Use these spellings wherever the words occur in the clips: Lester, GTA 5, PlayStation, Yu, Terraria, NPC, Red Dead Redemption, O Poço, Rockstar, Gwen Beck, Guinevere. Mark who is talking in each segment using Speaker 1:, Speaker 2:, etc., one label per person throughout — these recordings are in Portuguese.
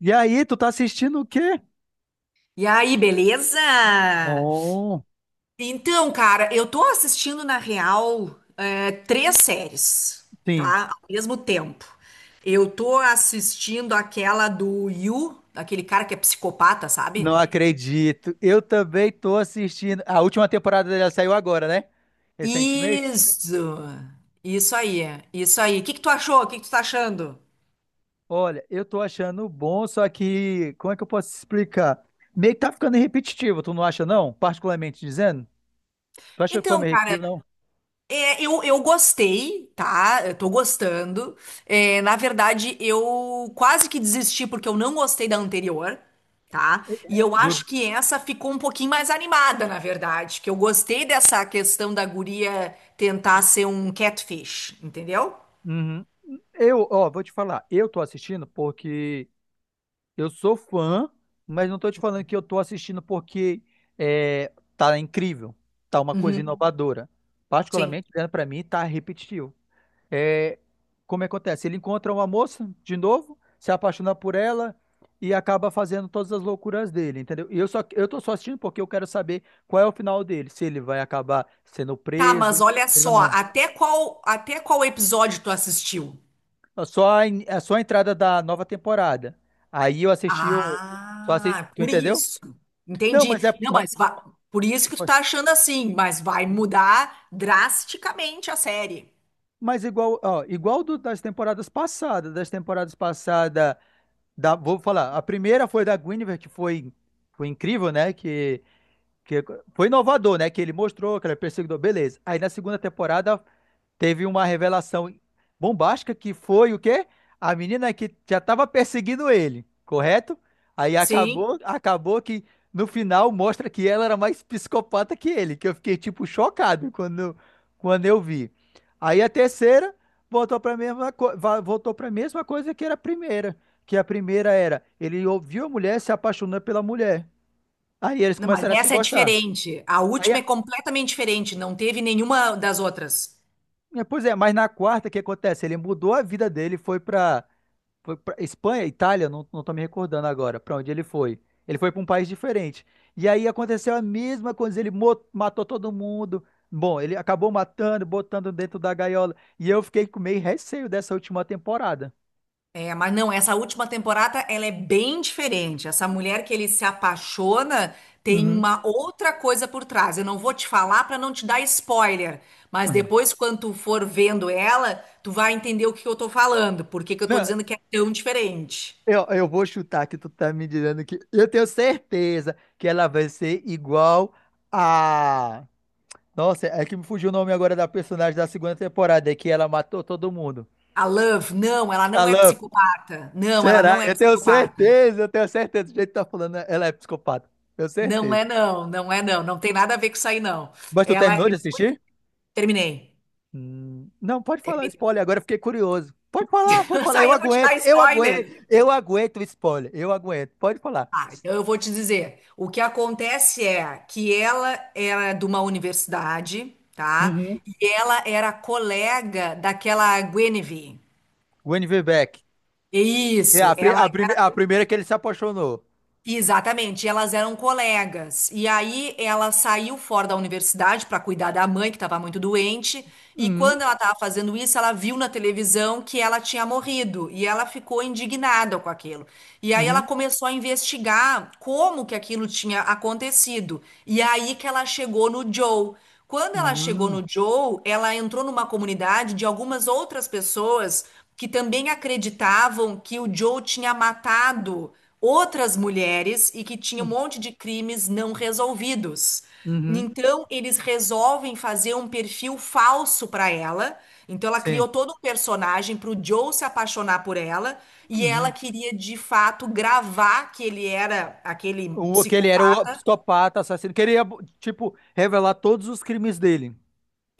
Speaker 1: E aí, tu tá assistindo o quê?
Speaker 2: E aí, beleza?
Speaker 1: Bom,
Speaker 2: Então, cara, eu tô assistindo na real é, três séries,
Speaker 1: sim,
Speaker 2: tá? Ao mesmo tempo. Eu tô assistindo aquela do Yu, aquele cara que é psicopata,
Speaker 1: não
Speaker 2: sabe?
Speaker 1: acredito. Eu também tô assistindo. A última temporada dela saiu agora, né? Recentemente.
Speaker 2: Isso! Isso aí, isso aí. O que que tu achou? O que que tu tá achando?
Speaker 1: Olha, eu tô achando bom, só que como é que eu posso explicar? Meio que tá ficando repetitivo, tu não acha, não? Particularmente dizendo? Tu acha que foi
Speaker 2: Então,
Speaker 1: meio
Speaker 2: cara,
Speaker 1: repetitivo, não?
Speaker 2: É, eu gostei, tá? Eu tô gostando. É, na verdade, eu quase que desisti porque eu não gostei da anterior, tá? E eu
Speaker 1: Do...
Speaker 2: acho que essa ficou um pouquinho mais animada, na verdade. Que eu gostei dessa questão da guria tentar ser um catfish, entendeu?
Speaker 1: Uhum. Eu, ó, vou te falar. Eu tô assistindo porque eu sou fã, mas não tô te falando que eu tô assistindo porque é, tá incrível, tá uma coisa
Speaker 2: Uhum,
Speaker 1: inovadora.
Speaker 2: sim.
Speaker 1: Particularmente, olhando pra mim, tá repetitivo. É, como é que acontece? Ele encontra uma moça de novo, se apaixona por ela e acaba fazendo todas as loucuras dele, entendeu? E eu tô só assistindo porque eu quero saber qual é o final dele, se ele vai acabar sendo
Speaker 2: Tá,
Speaker 1: preso,
Speaker 2: mas olha
Speaker 1: se ele vai
Speaker 2: só,
Speaker 1: morrer.
Speaker 2: até qual episódio tu assistiu?
Speaker 1: É só a, é só a entrada da nova temporada. Aí eu assisti o só assisti,
Speaker 2: Ah,
Speaker 1: tu
Speaker 2: por
Speaker 1: entendeu?
Speaker 2: isso.
Speaker 1: Não,
Speaker 2: Entendi.
Speaker 1: mas é,
Speaker 2: Não, mas va- Por isso que tu tá
Speaker 1: ótimo.
Speaker 2: achando assim, mas vai mudar drasticamente a série.
Speaker 1: Mas igual, ó, igual das temporadas passadas, vou falar, a primeira foi da Guinevere, que foi, foi incrível, né? Que foi inovador, né? Que ele mostrou que ele é perseguidor, beleza. Aí na segunda temporada teve uma revelação bombástica que foi o quê? A menina que já estava perseguindo ele, correto? Aí
Speaker 2: Sim.
Speaker 1: acabou que no final mostra que ela era mais psicopata que ele, que eu fiquei tipo chocado quando, quando eu vi. Aí a terceira voltou para a mesma, voltou para mesma coisa que era a primeira, que a primeira era ele ouviu a mulher se apaixonando pela mulher. Aí eles
Speaker 2: Não, mas
Speaker 1: começaram a se
Speaker 2: essa é
Speaker 1: gostar.
Speaker 2: diferente. A
Speaker 1: Aí,
Speaker 2: última
Speaker 1: a-
Speaker 2: é completamente diferente, não teve nenhuma das outras.
Speaker 1: é, pois é, mas na quarta o que acontece? Ele mudou a vida dele, foi para foi pra Espanha, Itália, não, não tô me recordando agora pra onde ele foi. Ele foi pra um país diferente. E aí aconteceu a mesma coisa, ele matou todo mundo. Bom, ele acabou matando, botando dentro da gaiola. E eu fiquei com meio receio dessa última temporada.
Speaker 2: É, mas não, essa última temporada ela é bem diferente. Essa mulher que ele se apaixona tem
Speaker 1: Uhum.
Speaker 2: uma outra coisa por trás. Eu não vou te falar para não te dar spoiler, mas
Speaker 1: Uhum.
Speaker 2: depois quando tu for vendo ela, tu vai entender o que eu tô falando, por que que eu tô
Speaker 1: Não,
Speaker 2: dizendo que é tão diferente.
Speaker 1: eu vou chutar que tu tá me dizendo que. Eu tenho certeza que ela vai ser igual a. Nossa, é que me fugiu o nome agora da personagem da segunda temporada, é que ela matou todo mundo.
Speaker 2: A Love, não, ela
Speaker 1: A
Speaker 2: não é
Speaker 1: Luffy.
Speaker 2: psicopata. Não, ela
Speaker 1: Será?
Speaker 2: não é
Speaker 1: Eu tenho
Speaker 2: psicopata.
Speaker 1: certeza, eu tenho certeza. Do jeito que tá falando, né? Ela é psicopata. Tenho
Speaker 2: Não
Speaker 1: certeza.
Speaker 2: é não, não é não, não tem nada a ver com isso aí não.
Speaker 1: Mas tu
Speaker 2: Ela
Speaker 1: terminou de assistir?
Speaker 2: terminei.
Speaker 1: Não, pode falar spoiler, agora eu fiquei curioso. Pode falar, pode
Speaker 2: Isso
Speaker 1: falar.
Speaker 2: aí
Speaker 1: Eu
Speaker 2: eu vou te dar
Speaker 1: aguento, eu aguento,
Speaker 2: spoiler.
Speaker 1: eu aguento o spoiler. Eu aguento, pode falar.
Speaker 2: Tá, então eu vou te dizer. O que acontece é que ela era de uma universidade, tá?
Speaker 1: Uhum.
Speaker 2: E ela era colega daquela Guinevere.
Speaker 1: Gwen Beck.
Speaker 2: É
Speaker 1: É
Speaker 2: isso,
Speaker 1: a,
Speaker 2: ela
Speaker 1: primeira que ele se apaixonou.
Speaker 2: exatamente, elas eram colegas. E aí ela saiu fora da universidade para cuidar da mãe, que estava muito doente. E
Speaker 1: Uhum,
Speaker 2: quando ela estava fazendo isso, ela viu na televisão que ela tinha morrido. E ela ficou indignada com aquilo. E aí ela
Speaker 1: uhum,
Speaker 2: começou a investigar como que aquilo tinha acontecido. E aí que ela chegou no Joe. Quando ela chegou
Speaker 1: uhum,
Speaker 2: no Joe, ela entrou numa comunidade de algumas outras pessoas que também acreditavam que o Joe tinha matado outras mulheres e que tinha um monte de crimes não resolvidos.
Speaker 1: uhum,
Speaker 2: Então, eles resolvem fazer um perfil falso para ela. Então, ela
Speaker 1: sim.
Speaker 2: criou todo um personagem para o Joe se apaixonar por ela. E ela
Speaker 1: Uhum.
Speaker 2: queria, de fato, gravar que ele era aquele
Speaker 1: O, que ele era
Speaker 2: psicopata
Speaker 1: o psicopata, assassino. Queria, tipo, revelar todos os crimes dele.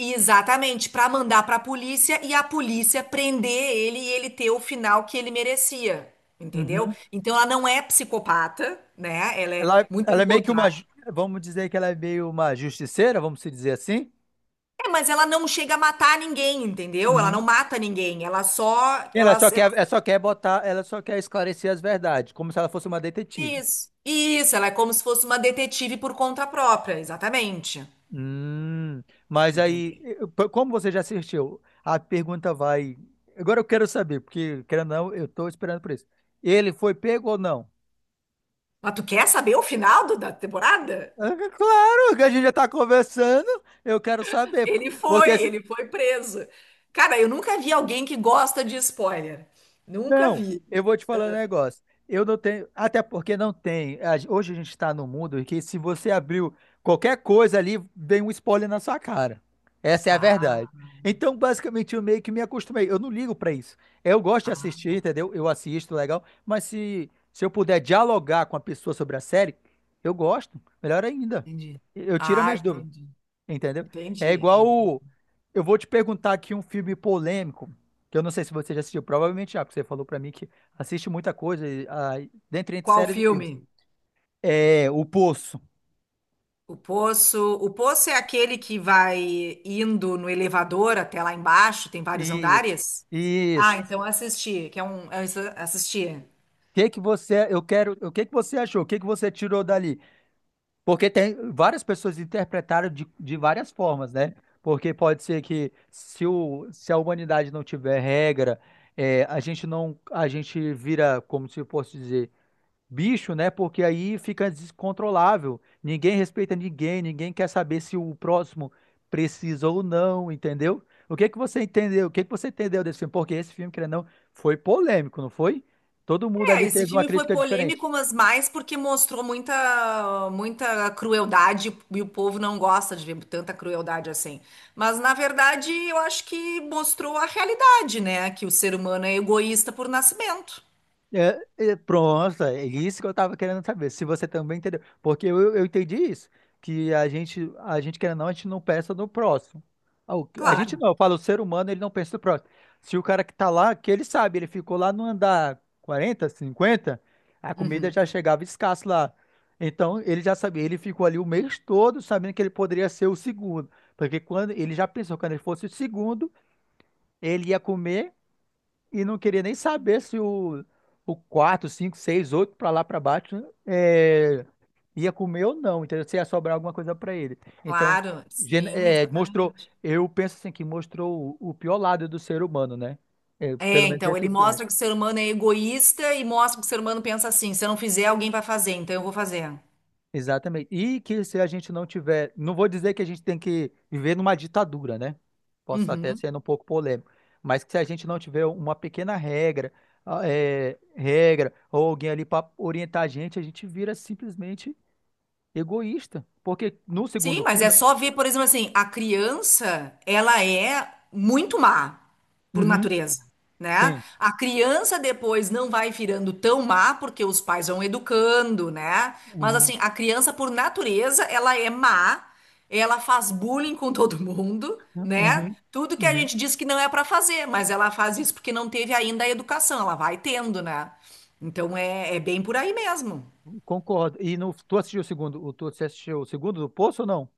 Speaker 2: exatamente, para mandar para a polícia e a polícia prender ele e ele ter o final que ele merecia, entendeu?
Speaker 1: Uhum.
Speaker 2: Então ela não é psicopata, né? Ela é
Speaker 1: Ela,
Speaker 2: muito
Speaker 1: ela é
Speaker 2: pelo
Speaker 1: meio que uma.
Speaker 2: contrário.
Speaker 1: Vamos dizer que ela é meio uma justiceira, vamos se dizer assim.
Speaker 2: É, mas ela não chega a matar ninguém, entendeu? Ela não
Speaker 1: Uhum.
Speaker 2: mata ninguém, ela só,
Speaker 1: Ela
Speaker 2: ela,
Speaker 1: só quer,
Speaker 2: ela
Speaker 1: ela só quer botar, ela só quer esclarecer as verdades, como se ela fosse uma detetive.
Speaker 2: isso. Isso, ela é como se fosse uma detetive por conta própria, exatamente.
Speaker 1: Hum, mas aí,
Speaker 2: Entendeu?
Speaker 1: como você já assistiu, a pergunta vai. Agora eu quero saber, porque, querendo ou não, eu tô esperando por isso. Ele foi pego ou não?
Speaker 2: Mas tu quer saber o final do- da temporada?
Speaker 1: Ah, claro, que a gente já tá conversando, eu quero saber. Porque se
Speaker 2: Ele foi preso. Cara, eu nunca vi alguém que gosta de spoiler. Nunca
Speaker 1: não,
Speaker 2: vi.
Speaker 1: eu vou te falar um negócio. Eu não tenho, até porque não tem. Hoje a gente está no mundo em que se você abriu qualquer coisa ali, vem um spoiler na sua cara. Essa é a verdade.
Speaker 2: Ah,
Speaker 1: Então, basicamente, eu meio que me acostumei. Eu não ligo para isso. Eu gosto de
Speaker 2: ah,
Speaker 1: assistir,
Speaker 2: bom,
Speaker 1: entendeu? Eu assisto, legal. Mas se eu puder dialogar com a pessoa sobre a série, eu gosto. Melhor ainda.
Speaker 2: entendi.
Speaker 1: Eu tiro as
Speaker 2: Ah,
Speaker 1: minhas dúvidas.
Speaker 2: entendi.
Speaker 1: Entendeu? É
Speaker 2: Entendi,
Speaker 1: igual
Speaker 2: entendi.
Speaker 1: o... Eu vou te perguntar aqui um filme polêmico, que eu não sei se você já assistiu, provavelmente já, porque você falou pra mim que assiste muita coisa, e, ah, dentre entre
Speaker 2: Qual
Speaker 1: séries e filmes.
Speaker 2: filme?
Speaker 1: É, O Poço.
Speaker 2: O Poço. O Poço é aquele que vai indo no elevador até lá embaixo, tem vários
Speaker 1: Isso.
Speaker 2: andares? Ah,
Speaker 1: Isso.
Speaker 2: então eu assisti, eu assisti.
Speaker 1: O que que você, eu quero, o que que você achou? O que que você tirou dali? Porque tem várias pessoas interpretaram de várias formas, né? Porque pode ser que se, o, se a humanidade não tiver regra, é, a gente não, a gente vira, como se eu fosse dizer bicho, né? Porque aí fica descontrolável. Ninguém respeita ninguém, ninguém quer saber se o próximo precisa ou não, entendeu? O que que você entendeu? O que que você entendeu desse filme? Porque esse filme, querendo ou não, foi polêmico, não foi? Todo mundo
Speaker 2: É,
Speaker 1: ali
Speaker 2: esse
Speaker 1: teve uma
Speaker 2: filme foi
Speaker 1: crítica
Speaker 2: polêmico,
Speaker 1: diferente.
Speaker 2: mas mais porque mostrou muita, muita crueldade e o povo não gosta de ver tanta crueldade assim. Mas, na verdade, eu acho que mostrou a realidade, né? Que o ser humano é egoísta por nascimento.
Speaker 1: Pronto, é isso que eu tava querendo saber, se você também entendeu. Porque eu entendi isso, que a gente querendo ou não, a gente não pensa no próximo. Ah, a gente
Speaker 2: Claro.
Speaker 1: não, eu falo, o ser humano, ele não pensa no próximo. Se o cara que tá lá, que ele sabe, ele ficou lá no andar 40, 50, a comida
Speaker 2: Uhum.
Speaker 1: já chegava escassa lá. Então, ele já sabia, ele ficou ali o mês todo sabendo que ele poderia ser o segundo. Porque quando ele já pensou, quando ele fosse o segundo, ele ia comer e não queria nem saber se o 4, 5, 6, 8 para lá para baixo é, ia comer ou não, entendeu? Se ia sobrar alguma coisa para ele. Então,
Speaker 2: Claro, sim,
Speaker 1: é, mostrou,
Speaker 2: exatamente.
Speaker 1: eu penso assim, que mostrou o pior lado do ser humano, né? É, pelo
Speaker 2: É,
Speaker 1: menos
Speaker 2: então,
Speaker 1: esse
Speaker 2: ele
Speaker 1: filme.
Speaker 2: mostra que o ser humano é egoísta e mostra que o ser humano pensa assim: se eu não fizer, alguém vai fazer, então eu vou fazer.
Speaker 1: Exatamente. E que se a gente não tiver, não vou dizer que a gente tem que viver numa ditadura, né? Posso até
Speaker 2: Uhum.
Speaker 1: ser um pouco polêmico, mas que se a gente não tiver uma pequena regra, ah, é, regra ou alguém ali para orientar a gente vira simplesmente egoísta. Porque no
Speaker 2: Sim,
Speaker 1: segundo
Speaker 2: mas é
Speaker 1: filme,
Speaker 2: só ver, por exemplo, assim, a criança, ela é muito má por
Speaker 1: uhum,
Speaker 2: natureza, né?
Speaker 1: sim,
Speaker 2: A criança depois não vai virando tão má porque os pais vão educando, né? Mas
Speaker 1: uhum,
Speaker 2: assim, a criança por natureza, ela é má, ela faz bullying com todo mundo, né?
Speaker 1: uhum,
Speaker 2: Tudo que a
Speaker 1: uhum,
Speaker 2: gente diz que não é pra fazer, mas ela faz isso porque não teve ainda a educação, ela vai tendo, né? Então é, é bem por aí mesmo.
Speaker 1: concordo. E no, tu assistiu o segundo, o- tu você assistiu o segundo do Poço ou não?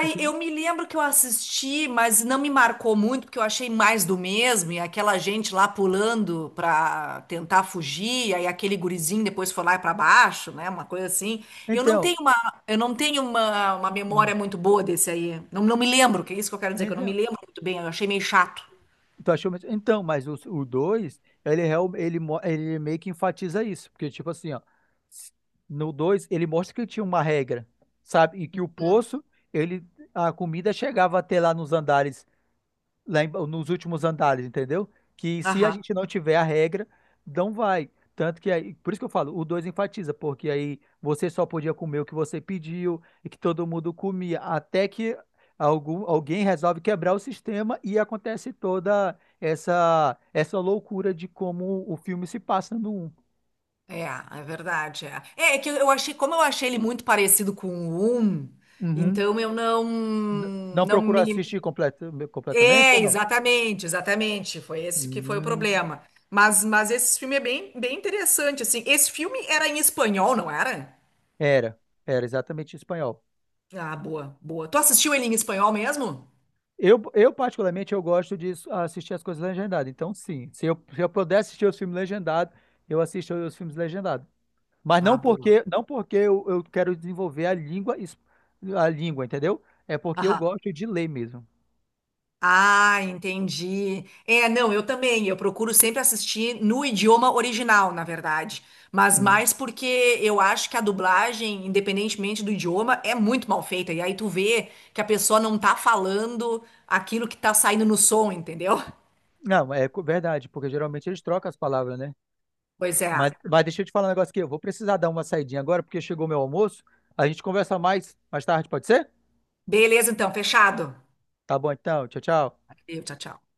Speaker 1: Filme?
Speaker 2: eu me lembro que eu assisti, mas não me marcou muito, porque eu achei mais do mesmo, e aquela gente lá pulando pra tentar fugir, aí aquele gurizinho depois foi lá pra baixo, né? Uma coisa assim. Eu não
Speaker 1: Então,
Speaker 2: tenho uma, eu não tenho uma
Speaker 1: hum,
Speaker 2: memória muito boa desse aí. Não, não me lembro, que é isso que eu quero dizer, que eu não me
Speaker 1: então,
Speaker 2: lembro muito bem, eu achei meio chato.
Speaker 1: tu achou mesmo? Então, mas o 2, ele, ele meio que enfatiza isso. Porque, tipo assim, ó, s- no 2 ele mostra que tinha uma regra, sabe? E que o poço, ele, a comida chegava até lá nos andares lá nos últimos andares, entendeu? Que se a
Speaker 2: Aham.
Speaker 1: gente não tiver a regra, não vai. Tanto que aí, por isso que eu falo, o 2 enfatiza, porque aí você só podia comer o que você pediu e que todo mundo comia, até que alguém resolve quebrar o sistema e acontece toda essa loucura de como o filme se passa no 1.
Speaker 2: É, é verdade. É que eu achei, como eu achei ele muito parecido com o Um,
Speaker 1: Uhum.
Speaker 2: então eu
Speaker 1: Não
Speaker 2: não
Speaker 1: procurou
Speaker 2: me,
Speaker 1: assistir completamente ou
Speaker 2: é,
Speaker 1: não?
Speaker 2: exatamente, exatamente. Foi esse que foi o
Speaker 1: Hum,
Speaker 2: problema. Mas esse filme é bem, bem interessante, assim. Esse filme era em espanhol, não era?
Speaker 1: era, era exatamente em espanhol.
Speaker 2: Ah, boa, boa. Tu assistiu ele em espanhol mesmo?
Speaker 1: Particularmente, eu gosto de assistir as coisas legendadas. Então, sim, se se eu puder assistir os filmes legendados, eu assisto os filmes legendados. Mas
Speaker 2: Ah, boa.
Speaker 1: não porque eu quero desenvolver a língua, a língua, entendeu? É porque eu
Speaker 2: Aham.
Speaker 1: gosto de ler mesmo.
Speaker 2: Ah, entendi. É, não, eu também. Eu procuro sempre assistir no idioma original, na verdade. Mas
Speaker 1: Hum.
Speaker 2: mais porque eu acho que a dublagem, independentemente do idioma, é muito mal feita. E aí tu vê que a pessoa não tá falando aquilo que tá saindo no som, entendeu?
Speaker 1: Não, é verdade, porque geralmente eles trocam as palavras, né?
Speaker 2: Pois é.
Speaker 1: Mas deixa eu te falar um negócio aqui. Eu vou precisar dar uma saidinha agora, porque chegou meu almoço. A gente conversa mais tarde, pode ser?
Speaker 2: Beleza, então, fechado.
Speaker 1: Tá bom, então. Tchau, tchau.
Speaker 2: Valeu, tchau, tchau.